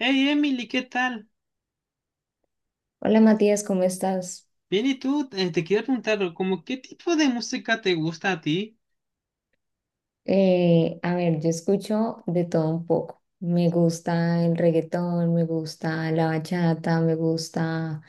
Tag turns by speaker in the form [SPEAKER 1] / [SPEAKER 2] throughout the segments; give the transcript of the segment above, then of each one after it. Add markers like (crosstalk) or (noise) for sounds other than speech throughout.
[SPEAKER 1] Hey Emily, ¿qué tal?
[SPEAKER 2] Hola Matías, ¿cómo estás?
[SPEAKER 1] Bien, ¿y tú? Te quiero preguntar, ¿como qué tipo de música te gusta a ti?
[SPEAKER 2] Yo escucho de todo un poco. Me gusta el reggaetón, me gusta la bachata, me gusta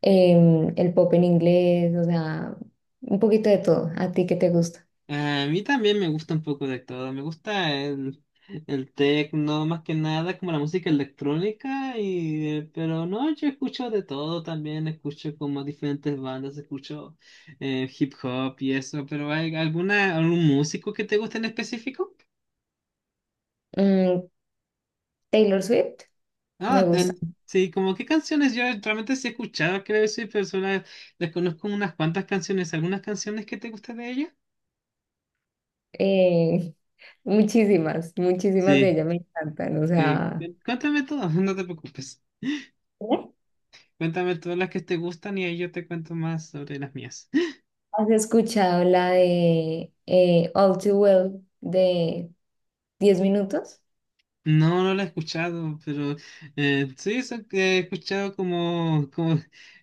[SPEAKER 2] el pop en inglés, o sea, un poquito de todo. ¿A ti qué te gusta?
[SPEAKER 1] A mí también me gusta un poco de todo, me gusta el techno, más que nada, como la música electrónica, y, pero no, yo escucho de todo también, escucho como diferentes bandas, escucho hip hop y eso. Pero ¿hay alguna, algún músico que te guste en específico?
[SPEAKER 2] Mm, Taylor Swift, me
[SPEAKER 1] Ah,
[SPEAKER 2] gusta.
[SPEAKER 1] sí, como qué canciones yo realmente sí he escuchado. Creo que soy persona, les conozco unas cuantas canciones, algunas canciones que te gustan de ella.
[SPEAKER 2] Eh, (laughs) Muchísimas, muchísimas de
[SPEAKER 1] Sí,
[SPEAKER 2] ellas me encantan. O sea,
[SPEAKER 1] cuéntame todas, (laughs) no te preocupes.
[SPEAKER 2] ¿eh?
[SPEAKER 1] Cuéntame todas las que te gustan y ahí yo te cuento más sobre las mías. (laughs)
[SPEAKER 2] ¿Has escuchado la de All Too Well de 10 minutos?
[SPEAKER 1] No, no la he escuchado, pero sí, eso que he escuchado como, como,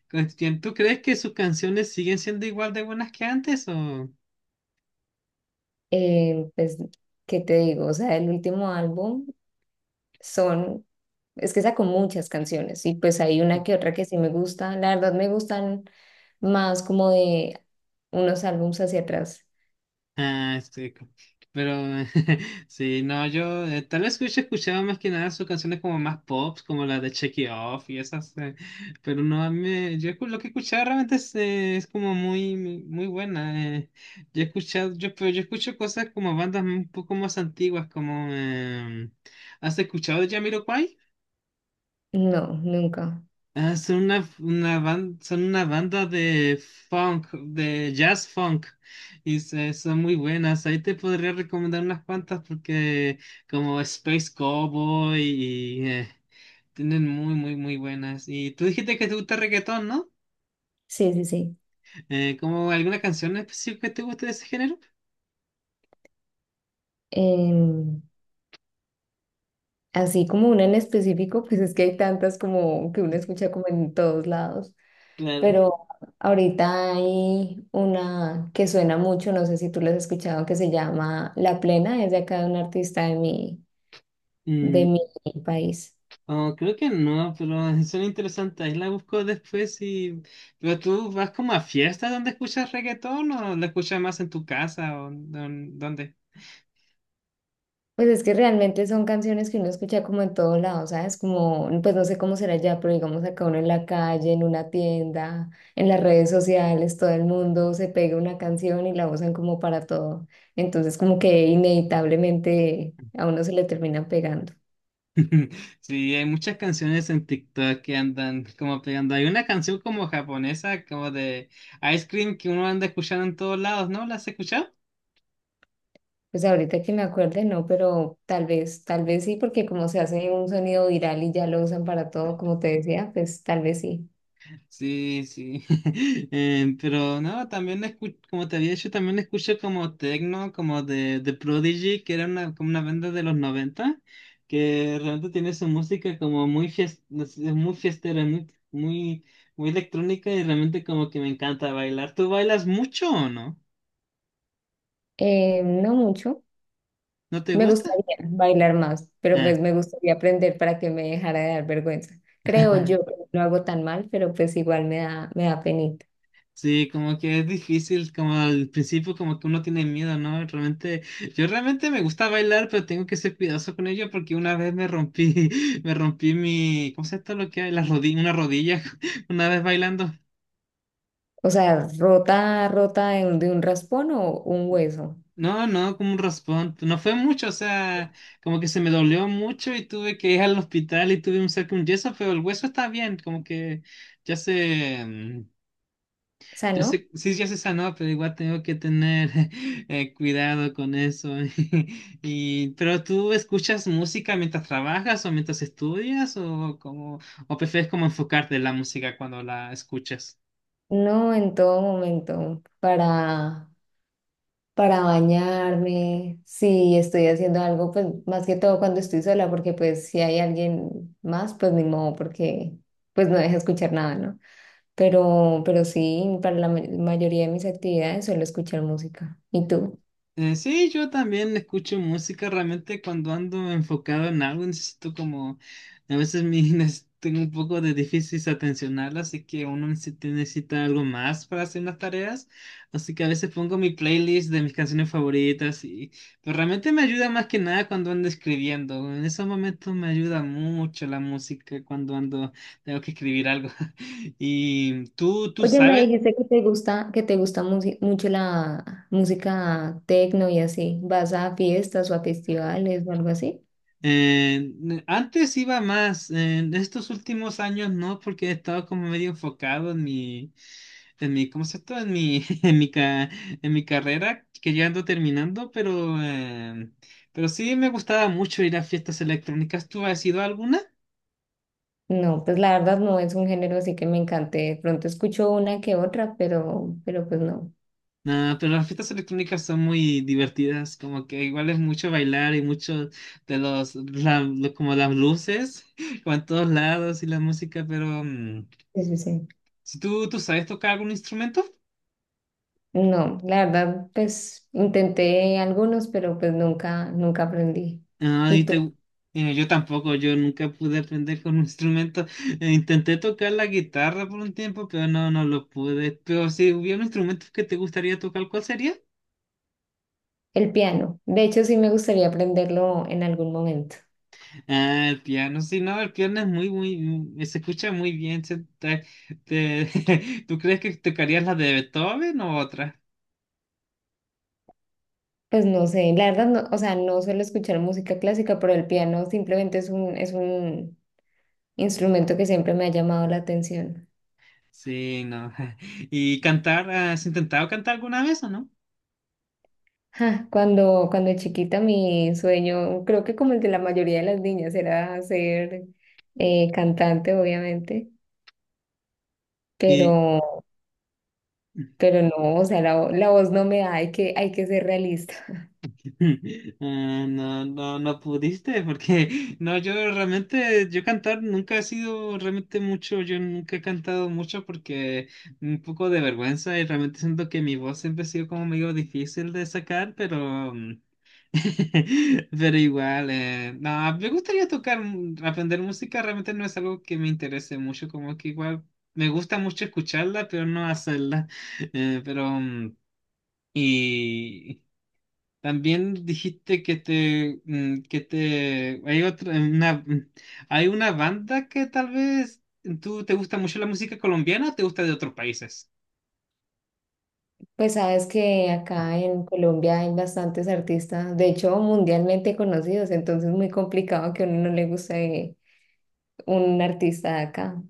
[SPEAKER 1] como- ¿tú crees que sus canciones siguen siendo igual de buenas que antes o?
[SPEAKER 2] Eh, pues, ¿Qué te digo? O sea, el último álbum son, es que sacó muchas canciones y pues hay una que otra que sí me gusta. La verdad me gustan más como de unos álbums hacia atrás.
[SPEAKER 1] Ah, este, pero (laughs) sí, no, yo tal vez hubiese escuchado más que nada sus canciones como más pop, como la de Check It Off y esas. Pero no, a mí me- yo escu- lo que he escuchado realmente es como muy, muy buena. Yo he escuchado, yo, pero yo escucho cosas como bandas un poco más antiguas, como, ¿has escuchado de Jamiroquai?
[SPEAKER 2] No, nunca.
[SPEAKER 1] Ah, son son una banda de funk, de jazz funk. Son muy buenas. Ahí te podría recomendar unas cuantas, porque como Space Cowboy y tienen muy, muy, muy buenas. Y tú dijiste que te gusta reggaetón, ¿no?
[SPEAKER 2] Sí, sí, sí.
[SPEAKER 1] ¿Como alguna canción específica que te guste de ese género?
[SPEAKER 2] Em, Así como una en específico, pues es que hay tantas como que uno escucha como en todos lados.
[SPEAKER 1] Claro.
[SPEAKER 2] Pero ahorita hay una que suena mucho, no sé si tú la has escuchado, que se llama La Plena, es de acá de un artista de mi país.
[SPEAKER 1] Oh, creo que no, pero (laughs) son interesantes. Ahí la busco después y. ¿Pero tú vas como a fiestas donde escuchas reggaetón o la escuchas más en tu casa, o dónde?
[SPEAKER 2] Pues es que realmente son canciones que uno escucha como en todos lados, ¿sabes? Como, pues no sé cómo será ya, pero digamos acá uno en la calle, en una tienda, en las redes sociales, todo el mundo se pega una canción y la usan como para todo. Entonces como que inevitablemente a uno se le terminan pegando.
[SPEAKER 1] (laughs) Sí, hay muchas canciones en TikTok que andan como pegando. Hay una canción como japonesa, como de Ice Cream que uno anda escuchando en todos lados, ¿no? ¿La has escuchado?
[SPEAKER 2] Pues ahorita que me acuerde, no, pero tal vez sí, porque como se hace un sonido viral y ya lo usan para todo, como te decía, pues tal vez sí.
[SPEAKER 1] Sí, sí. (laughs) Pero no, también como te había dicho, también escuché como techno, como de Prodigy, que era una, como una banda de los 90 que realmente tiene su música como muy, no sé, muy fiestera, muy, muy, muy electrónica y realmente como que me encanta bailar. ¿Tú bailas mucho o no?
[SPEAKER 2] No mucho.
[SPEAKER 1] ¿No te
[SPEAKER 2] Me
[SPEAKER 1] gusta?
[SPEAKER 2] gustaría bailar más, pero
[SPEAKER 1] Ah.
[SPEAKER 2] pues me gustaría aprender para que me dejara de dar vergüenza. Creo
[SPEAKER 1] (laughs)
[SPEAKER 2] yo que no lo hago tan mal, pero pues igual me da penita.
[SPEAKER 1] Sí, como que es difícil, como al principio como que uno tiene miedo, ¿no? Realmente, yo realmente me gusta bailar, pero tengo que ser cuidadoso con ello porque una vez me rompí, (laughs) me rompí mi, ¿cómo se llama esto lo que hay? La rodilla, una rodilla, (laughs) una vez bailando.
[SPEAKER 2] O sea, rota, rota de un raspón o un hueso.
[SPEAKER 1] No, no, como un raspón, no fue mucho, o sea, como que se me dolió mucho y tuve que ir al hospital y tuve un cerco, un yeso, pero el hueso está bien, como que ya se,
[SPEAKER 2] O sea,
[SPEAKER 1] Yo
[SPEAKER 2] no,
[SPEAKER 1] sé, sí, ya se sanó, pero igual tengo que tener (laughs) cuidado con eso. (laughs) Y, pero ¿tú escuchas música mientras trabajas o mientras estudias o como o prefieres como enfocarte en la música cuando la escuchas?
[SPEAKER 2] no en todo momento para bañarme, si estoy haciendo algo, pues más que todo cuando estoy sola, porque pues si hay alguien más, pues ni modo, porque pues no deja escuchar nada, ¿no? Pero sí, para la mayoría de mis actividades suelo escuchar música. ¿Y tú?
[SPEAKER 1] Sí, yo también escucho música realmente cuando ando enfocado en algo, necesito como, a veces mi, (laughs) tengo un poco de difícil atencional, así que uno necesita algo más para hacer las tareas, así que a veces pongo mi playlist de mis canciones favoritas y, pero realmente me ayuda más que nada cuando ando escribiendo, en esos momentos me ayuda mucho la música cuando ando, tengo que escribir algo. (laughs) ¿Y tú
[SPEAKER 2] Oye, me
[SPEAKER 1] sabes?
[SPEAKER 2] dijiste que te gusta, mucho la música techno y así. ¿Vas a fiestas o a festivales o algo así?
[SPEAKER 1] Eh, Antes iba más, en estos últimos años no, porque he estado como medio enfocado en mi, ¿cómo se llama? En mi, (laughs) en mi carrera, que ya ando terminando, pero sí me gustaba mucho ir a fiestas electrónicas. ¿Tú has ido a alguna?
[SPEAKER 2] No, pues la verdad no es un género así que me encante. De pronto escucho una que otra, pero pues no.
[SPEAKER 1] No, pero las fiestas electrónicas son muy divertidas, como que igual es mucho bailar y mucho de los, como las luces, (laughs) como en todos lados y la música. Pero,
[SPEAKER 2] Sí, sí, sí.
[SPEAKER 1] ¿si tú sabes tocar algún instrumento?
[SPEAKER 2] No, la verdad, pues intenté algunos, pero pues nunca, nunca aprendí.
[SPEAKER 1] Ah,
[SPEAKER 2] ¿Y tú?
[SPEAKER 1] yo tampoco, yo nunca pude aprender con un (laughs) instrumento. Intenté tocar la guitarra por un tiempo, pero no, no lo pude. Pero si hubiera un instrumento que te gustaría tocar, ¿cuál sería?
[SPEAKER 2] El piano. De hecho, sí me gustaría aprenderlo en algún momento.
[SPEAKER 1] Ah, el piano. Sí, no, el piano es muy, muy, se escucha muy bien. (laughs) ¿Tú crees que tocarías la de Beethoven o otra?
[SPEAKER 2] Pues no sé, la verdad, no, o sea, no suelo escuchar música clásica, pero el piano simplemente es un instrumento que siempre me ha llamado la atención.
[SPEAKER 1] Sí, no. (laughs) ¿Y cantar? ¿Has intentado cantar alguna vez o no?
[SPEAKER 2] Ja, cuando chiquita mi sueño, creo que como el de la mayoría de las niñas, era ser cantante, obviamente,
[SPEAKER 1] Y
[SPEAKER 2] pero... Pero no, o sea, la voz no me da, hay que ser realista. (laughs)
[SPEAKER 1] (laughs) Ah, no, no, no pudiste, porque no, yo realmente, yo cantar nunca he sido realmente mucho, yo nunca he cantado mucho porque un poco de vergüenza y realmente siento que mi voz siempre ha sido como medio difícil de sacar, pero, (laughs) pero igual, no, me gustaría tocar, aprender música realmente no es algo que me interese mucho, como que igual me gusta mucho escucharla, pero no hacerla. (laughs) Pero, y. También dijiste que te, que te, hay otra, una, hay una banda que tal vez tú te gusta mucho la música colombiana o te gusta de otros países.
[SPEAKER 2] Pues sabes que acá en Colombia hay bastantes artistas, de hecho mundialmente conocidos, entonces es muy complicado que a uno no le guste un artista de acá.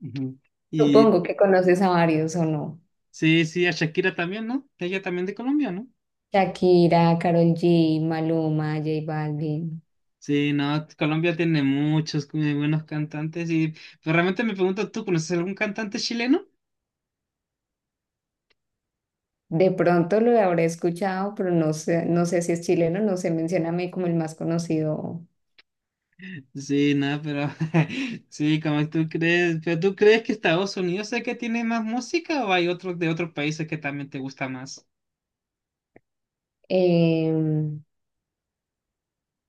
[SPEAKER 1] Ujú. Y
[SPEAKER 2] Supongo que conoces a varios o no.
[SPEAKER 1] sí, sí, a Shakira también, ¿no? Ella también de Colombia, ¿no?
[SPEAKER 2] Shakira, Karol G, Maluma, J Balvin.
[SPEAKER 1] Sí, no, Colombia tiene muchos muy buenos cantantes y pero realmente me pregunto, ¿tú conoces algún cantante chileno?
[SPEAKER 2] De pronto lo habré escuchado, pero no sé, no sé si es chileno, no se menciona a mí como el más conocido.
[SPEAKER 1] Sí, no, pero (laughs) sí, como tú crees, pero ¿tú crees que Estados Unidos es el que tiene más música o hay otros de otros países que también te gusta más?
[SPEAKER 2] Eh,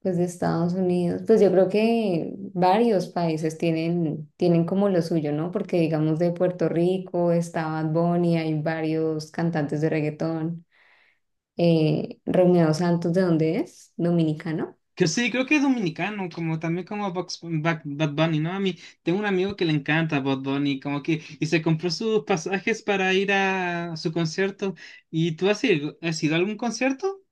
[SPEAKER 2] pues de Estados Unidos, pues yo creo que varios países tienen, tienen como lo suyo, ¿no? Porque digamos de Puerto Rico está Bad Bunny, hay varios cantantes de reggaetón. Romeo Santos, ¿de dónde es? Dominicano,
[SPEAKER 1] Que sí, creo que es dominicano, como también como Bad Bunny, ¿no? A mí tengo un amigo que le encanta Bad Bunny, como que, y se compró sus pasajes para ir a su concierto. ¿Y tú has ido a algún concierto?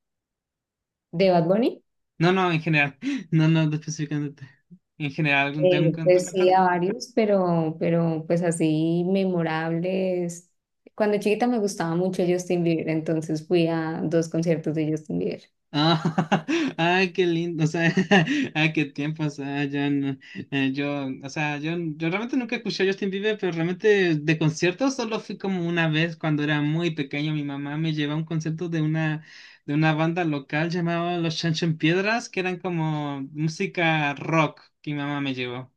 [SPEAKER 2] de Bad Bunny.
[SPEAKER 1] No, no, en general. (laughs) No, no, específicamente. En general, algún de un
[SPEAKER 2] Pues sí,
[SPEAKER 1] cantante.
[SPEAKER 2] a varios, pero pues así memorables. Cuando chiquita me gustaba mucho Justin Bieber, entonces fui a dos conciertos de Justin Bieber.
[SPEAKER 1] Ah, (laughs) ay, qué lindo, o sea, (laughs) ay, qué tiempo, o sea, yo, yo, o sea, yo realmente nunca escuché a Justin Bieber, pero realmente de conciertos solo fui como una vez cuando era muy pequeño. Mi mamá me llevó a un concierto de una banda local llamada Los Chancho Piedras, que eran como música rock que mi mamá me llevó.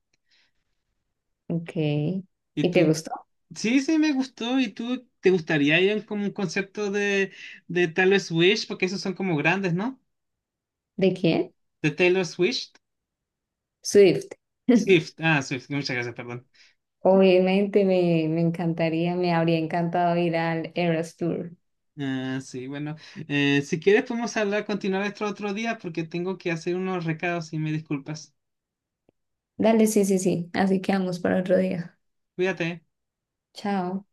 [SPEAKER 2] Ok.
[SPEAKER 1] Y
[SPEAKER 2] ¿Y te
[SPEAKER 1] tú,
[SPEAKER 2] gustó?
[SPEAKER 1] sí, sí, me gustó. Y tú, ¿te gustaría ir a como un concierto de Taylor Swift? Porque esos son como grandes, ¿no?
[SPEAKER 2] ¿De quién?
[SPEAKER 1] De Taylor Swift.
[SPEAKER 2] Swift. (laughs)
[SPEAKER 1] Swift, ah, Swift, muchas gracias, perdón.
[SPEAKER 2] Obviamente me encantaría, me habría encantado ir al Eras Tour.
[SPEAKER 1] Ah, sí, bueno, si quieres podemos hablar, continuar esto otro día porque tengo que hacer unos recados y me disculpas.
[SPEAKER 2] Dale, sí, sí, sí. Así que vamos para otro día.
[SPEAKER 1] Cuídate.
[SPEAKER 2] Chao.